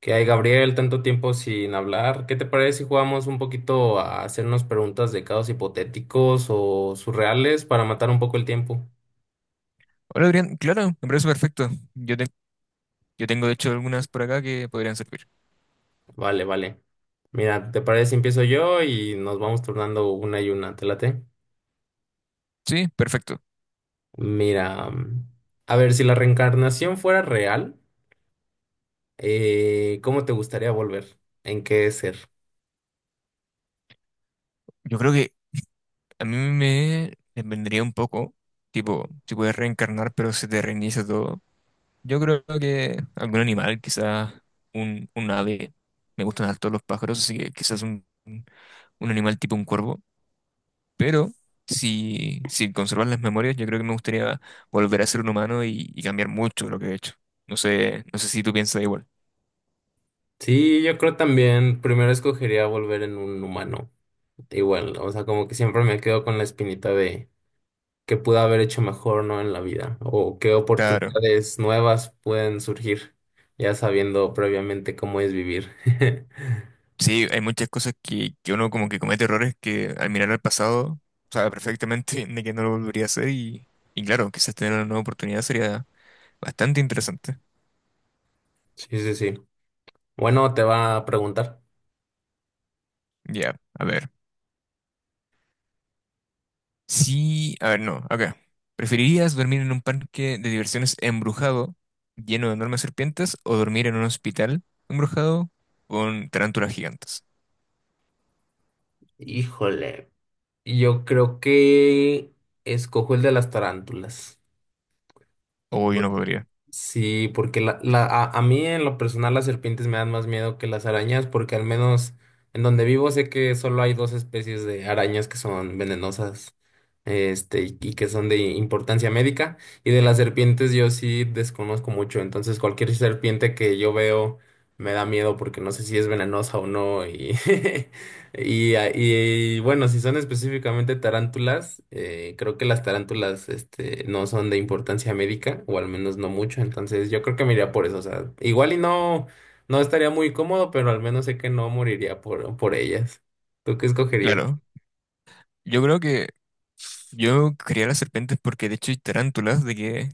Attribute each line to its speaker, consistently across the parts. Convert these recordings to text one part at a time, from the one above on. Speaker 1: ¿Qué hay, Gabriel? Tanto tiempo sin hablar. ¿Qué te parece si jugamos un poquito a hacernos preguntas de casos hipotéticos o surreales para matar un poco el tiempo?
Speaker 2: Hola Adrián, claro, me parece perfecto. Yo, te- yo tengo de hecho algunas por acá que podrían servir.
Speaker 1: Vale. Mira, ¿te parece si empiezo yo y nos vamos turnando una y una? ¿Te late?
Speaker 2: Sí, perfecto.
Speaker 1: Mira, a ver, si la reencarnación fuera real, ¿cómo te gustaría volver? ¿En qué ser?
Speaker 2: Yo creo que a mí me vendría un poco, tipo, si puedes reencarnar pero se te reinicia todo. Yo creo que algún animal, quizás un ave. Me gustan harto los pájaros, así que quizás un animal tipo un cuervo. Pero si conservas las memorias, yo creo que me gustaría volver a ser un humano y cambiar mucho lo que he hecho. No sé, no sé si tú piensas igual.
Speaker 1: Sí, yo creo también, primero escogería volver en un humano. Igual, o sea, como que siempre me quedo con la espinita de que pude haber hecho mejor, ¿no? En la vida, o qué
Speaker 2: Claro.
Speaker 1: oportunidades nuevas pueden surgir, ya sabiendo previamente cómo es vivir.
Speaker 2: Sí, hay muchas cosas que uno como que comete errores que al mirar al pasado sabe perfectamente de que no lo volvería a hacer y claro, quizás tener una nueva oportunidad sería bastante interesante.
Speaker 1: Sí, sí, sí. Bueno, te va a preguntar.
Speaker 2: Ya, a ver. Sí, a ver, no, acá. ¿Preferirías dormir en un parque de diversiones embrujado lleno de enormes serpientes o dormir en un hospital embrujado con tarántulas gigantes?
Speaker 1: Híjole, yo creo que escojo el de las tarántulas.
Speaker 2: O yo no podría.
Speaker 1: Sí, porque a mí en lo personal las serpientes me dan más miedo que las arañas, porque al menos en donde vivo sé que solo hay 2 especies de arañas que son venenosas, y que son de importancia médica, y de las serpientes yo sí desconozco mucho, entonces cualquier serpiente que yo veo me da miedo porque no sé si es venenosa o no, y bueno, si son específicamente tarántulas, creo que las tarántulas no son de importancia médica, o al menos no mucho, entonces yo creo que me iría por eso. O sea, igual y no, estaría muy cómodo, pero al menos sé que no moriría por ellas. ¿Tú qué escogerías?
Speaker 2: Claro, yo creo que yo quería las serpientes porque de hecho hay tarántulas, de que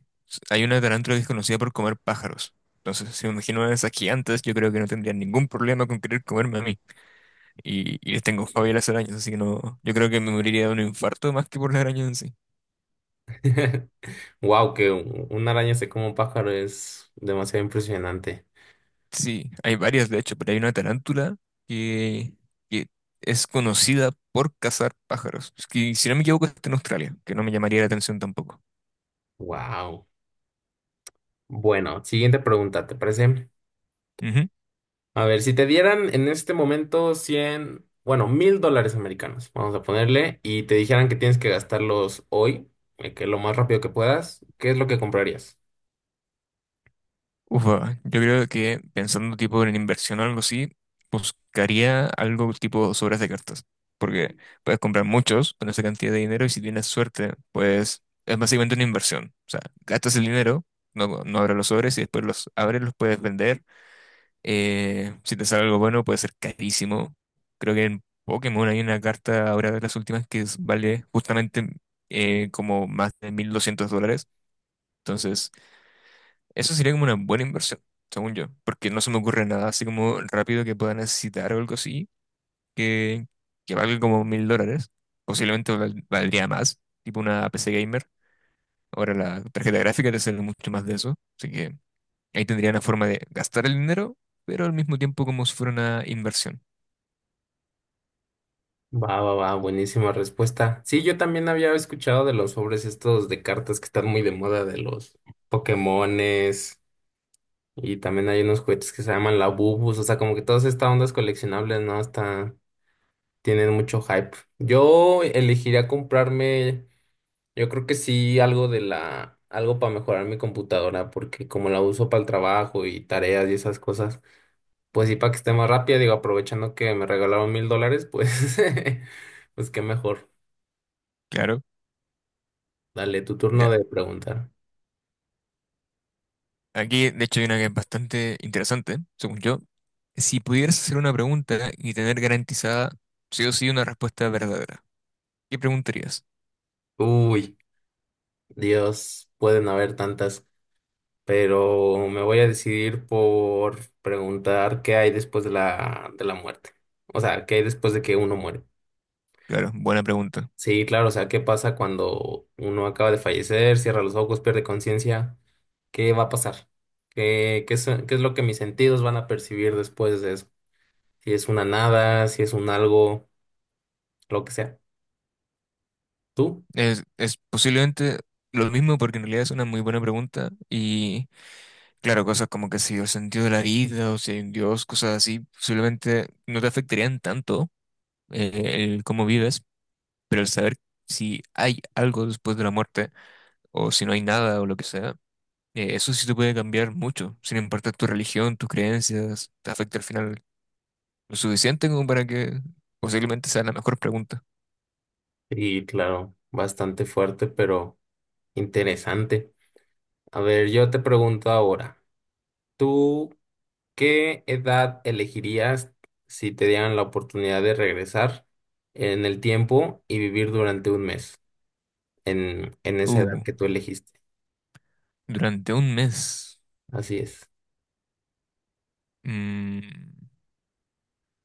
Speaker 2: hay una tarántula que es conocida por comer pájaros. Entonces, si me imagino a esas gigantes, yo creo que no tendría ningún problema con querer comerme a mí. Y les tengo fobia a las arañas, así que no, yo creo que me moriría de un infarto más que por las arañas en sí.
Speaker 1: Wow, que una araña se coma un pájaro es demasiado impresionante.
Speaker 2: Sí, hay varias de hecho, pero hay una tarántula que, que es conocida por cazar pájaros. Es que, si no me equivoco, está en Australia, que no me llamaría la atención tampoco.
Speaker 1: Wow. Bueno, siguiente pregunta, ¿te parece?
Speaker 2: Ujú.
Speaker 1: A ver, si te dieran en este momento 100, bueno, $1,000 americanos, vamos a ponerle, y te dijeran que tienes que gastarlos hoy, que lo más rápido que puedas, ¿qué es lo que comprarías?
Speaker 2: Ufa, yo creo que pensando tipo en inversión o algo así, buscaría algo tipo sobres de cartas, porque puedes comprar muchos con esa cantidad de dinero y si tienes suerte, pues es básicamente una inversión. O sea, gastas el dinero, no abres los sobres y después los abres, los puedes vender. Si te sale algo bueno, puede ser carísimo. Creo que en Pokémon hay una carta ahora de las últimas que vale justamente como más de $1.200. Entonces... Eso sería como una buena inversión, según yo, porque no se me ocurre nada así como rápido que pueda necesitar o algo así, que, que valga como $1.000. Posiblemente valdría más, tipo una PC gamer. Ahora la tarjeta gráfica te sale mucho más de eso, así que ahí tendría una forma de gastar el dinero, pero al mismo tiempo como si fuera una inversión.
Speaker 1: Va, va, va, buenísima respuesta. Sí, yo también había escuchado de los sobres estos de cartas que están muy de moda, de los Pokémones, y también hay unos juguetes que se llaman la Bubus, o sea, como que todas estas ondas coleccionables, ¿no? Hasta tienen mucho hype. Yo elegiría comprarme. Yo creo que sí, algo de la, algo para mejorar mi computadora, porque como la uso para el trabajo y tareas y esas cosas, pues sí, para que esté más rápida, digo, aprovechando que me regalaron $1,000, pues, pues qué mejor.
Speaker 2: Claro,
Speaker 1: Dale, tu
Speaker 2: ya.
Speaker 1: turno de preguntar.
Speaker 2: Aquí, de hecho, hay una que es bastante interesante, según yo. Si pudieras hacer una pregunta y tener garantizada sí o sí una respuesta verdadera, ¿qué preguntarías?
Speaker 1: Uy, Dios, pueden haber tantas, pero me voy a decidir por preguntar qué hay después de la muerte. O sea, qué hay después de que uno muere.
Speaker 2: Claro, buena pregunta.
Speaker 1: Sí, claro, o sea, ¿qué pasa cuando uno acaba de fallecer, cierra los ojos, pierde conciencia? ¿Qué va a pasar? ¿Qué es lo que mis sentidos van a percibir después de eso? Si es una nada, si es un algo, lo que sea. Tú.
Speaker 2: Es posiblemente lo mismo porque en realidad es una muy buena pregunta y claro, cosas como que si el sentido de la vida o si hay un Dios, cosas así, posiblemente no te afectarían tanto, el cómo vives, pero el saber si hay algo después de la muerte o si no hay nada o lo que sea, eso sí te puede cambiar mucho, sin importar tu religión, tus creencias, te afecta al final lo suficiente como para que posiblemente sea la mejor pregunta.
Speaker 1: Y claro, bastante fuerte, pero interesante. A ver, yo te pregunto ahora, ¿tú qué edad elegirías si te dieran la oportunidad de regresar en el tiempo y vivir durante un mes en esa
Speaker 2: Uh,
Speaker 1: edad que tú elegiste?
Speaker 2: Durante un mes.
Speaker 1: Así es.
Speaker 2: Mm,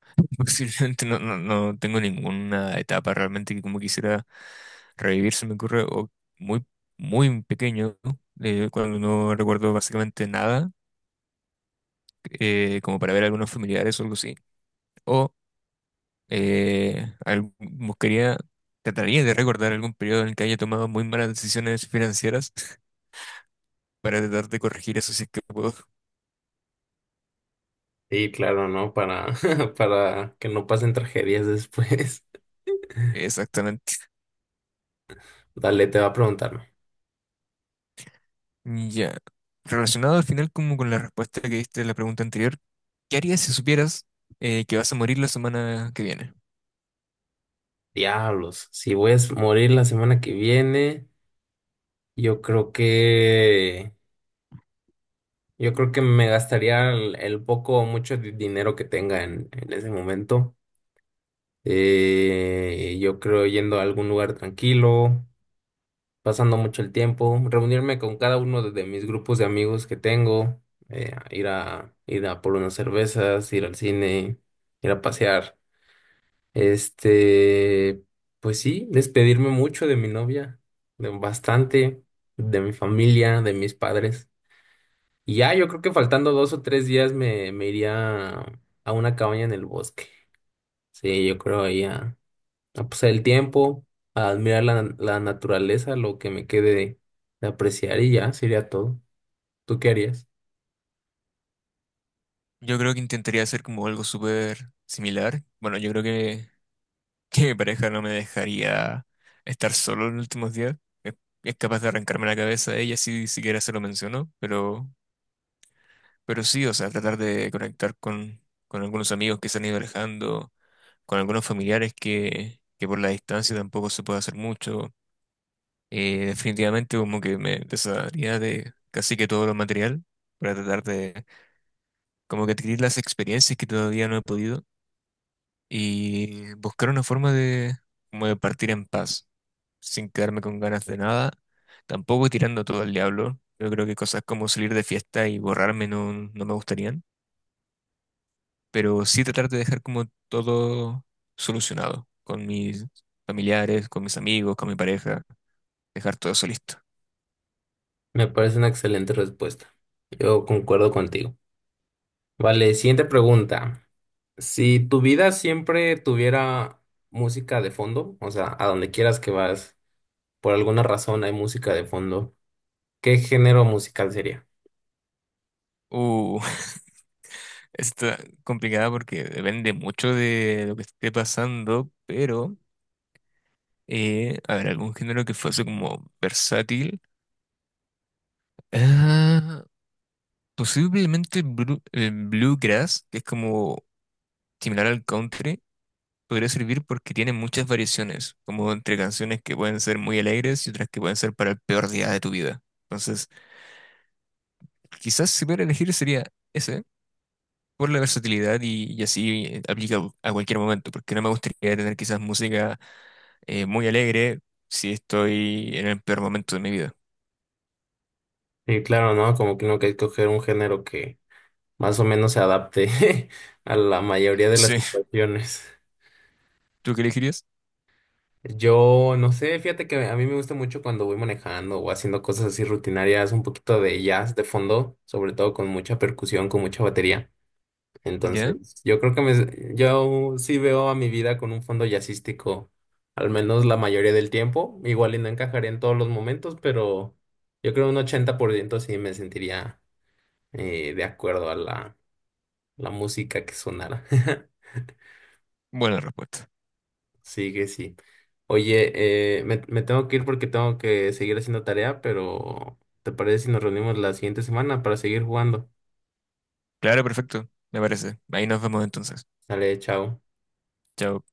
Speaker 2: posiblemente no tengo ninguna etapa realmente que como quisiera revivir, se me ocurre, o muy, muy pequeño, ¿no? Cuando no recuerdo básicamente nada, como para ver algunos familiares o algo así, o buscaría, trataría de recordar algún periodo en el que haya tomado muy malas decisiones financieras para tratar de corregir eso si es que puedo.
Speaker 1: Sí, claro, ¿no? Para, para que no pasen tragedias después.
Speaker 2: Exactamente.
Speaker 1: Dale, te va a preguntarme.
Speaker 2: Ya. Relacionado al final como con la respuesta que diste a la pregunta anterior, ¿qué harías si supieras, que vas a morir la semana que viene?
Speaker 1: Diablos, si voy a morir la semana que viene, yo creo que, yo creo que me gastaría el poco o mucho dinero que tenga en ese momento. Yo creo yendo a algún lugar tranquilo, pasando mucho el tiempo, reunirme con cada uno de mis grupos de amigos que tengo, ir a, ir a por unas cervezas, ir al cine, ir a pasear. Este, pues sí, despedirme mucho de mi novia, de bastante, de mi familia, de mis padres. Y ya, yo creo que faltando 2 o 3 días me, me iría a una cabaña en el bosque. Sí, yo creo ahí a pasar el tiempo, a admirar la, la naturaleza, lo que me quede de apreciar y ya, sería todo. ¿Tú qué harías?
Speaker 2: Yo creo que intentaría hacer como algo súper similar. Bueno, yo creo que, que mi pareja no me dejaría estar solo en los últimos días. Es, es capaz de arrancarme la cabeza a ella si siquiera se lo mencionó, pero sí, o sea, tratar de conectar con algunos amigos que se han ido alejando, con algunos familiares que por la distancia tampoco se puede hacer mucho. Definitivamente como que me desharía de casi que todo lo material para tratar de como que adquirir las experiencias que todavía no he podido y buscar una forma de, como de partir en paz, sin quedarme con ganas de nada, tampoco tirando todo al diablo. Yo creo que cosas como salir de fiesta y borrarme no me gustarían, pero sí tratar de dejar como todo solucionado con mis familiares, con mis amigos, con mi pareja, dejar todo eso listo.
Speaker 1: Me parece una excelente respuesta. Yo concuerdo contigo. Vale, siguiente pregunta. Si tu vida siempre tuviera música de fondo, o sea, a donde quieras que vas, por alguna razón hay música de fondo, ¿qué género musical sería?
Speaker 2: Uh, está complicada porque depende mucho de lo que esté pasando, pero a ver, algún género que fuese como versátil. Ah, posiblemente el bluegrass, que es como similar al country, podría servir porque tiene muchas variaciones, como entre canciones que pueden ser muy alegres y otras que pueden ser para el peor día de tu vida. Entonces, quizás si pudiera elegir sería ese, por la versatilidad y así, aplica a cualquier momento, porque no me gustaría tener quizás música, muy alegre si estoy en el peor momento de mi vida.
Speaker 1: Y claro, ¿no? Como que uno que escoger un género que más o menos se adapte a la mayoría de las
Speaker 2: Sí,
Speaker 1: situaciones.
Speaker 2: ¿tú qué elegirías?
Speaker 1: Yo no sé, fíjate que a mí me gusta mucho cuando voy manejando o haciendo cosas así rutinarias, un poquito de jazz de fondo, sobre todo con mucha percusión, con mucha batería.
Speaker 2: Ya.
Speaker 1: Entonces, yo creo que me, yo sí veo a mi vida con un fondo jazzístico, al menos la mayoría del tiempo. Igual y no encajaría en todos los momentos, pero yo creo un 80% sí me sentiría de acuerdo a la, la música que sonara.
Speaker 2: Buena respuesta.
Speaker 1: Sí que sí. Oye, me tengo que ir porque tengo que seguir haciendo tarea, pero ¿te parece si nos reunimos la siguiente semana para seguir jugando?
Speaker 2: Claro, perfecto. Me parece. Ahí nos vemos entonces.
Speaker 1: Dale, chao.
Speaker 2: Chao.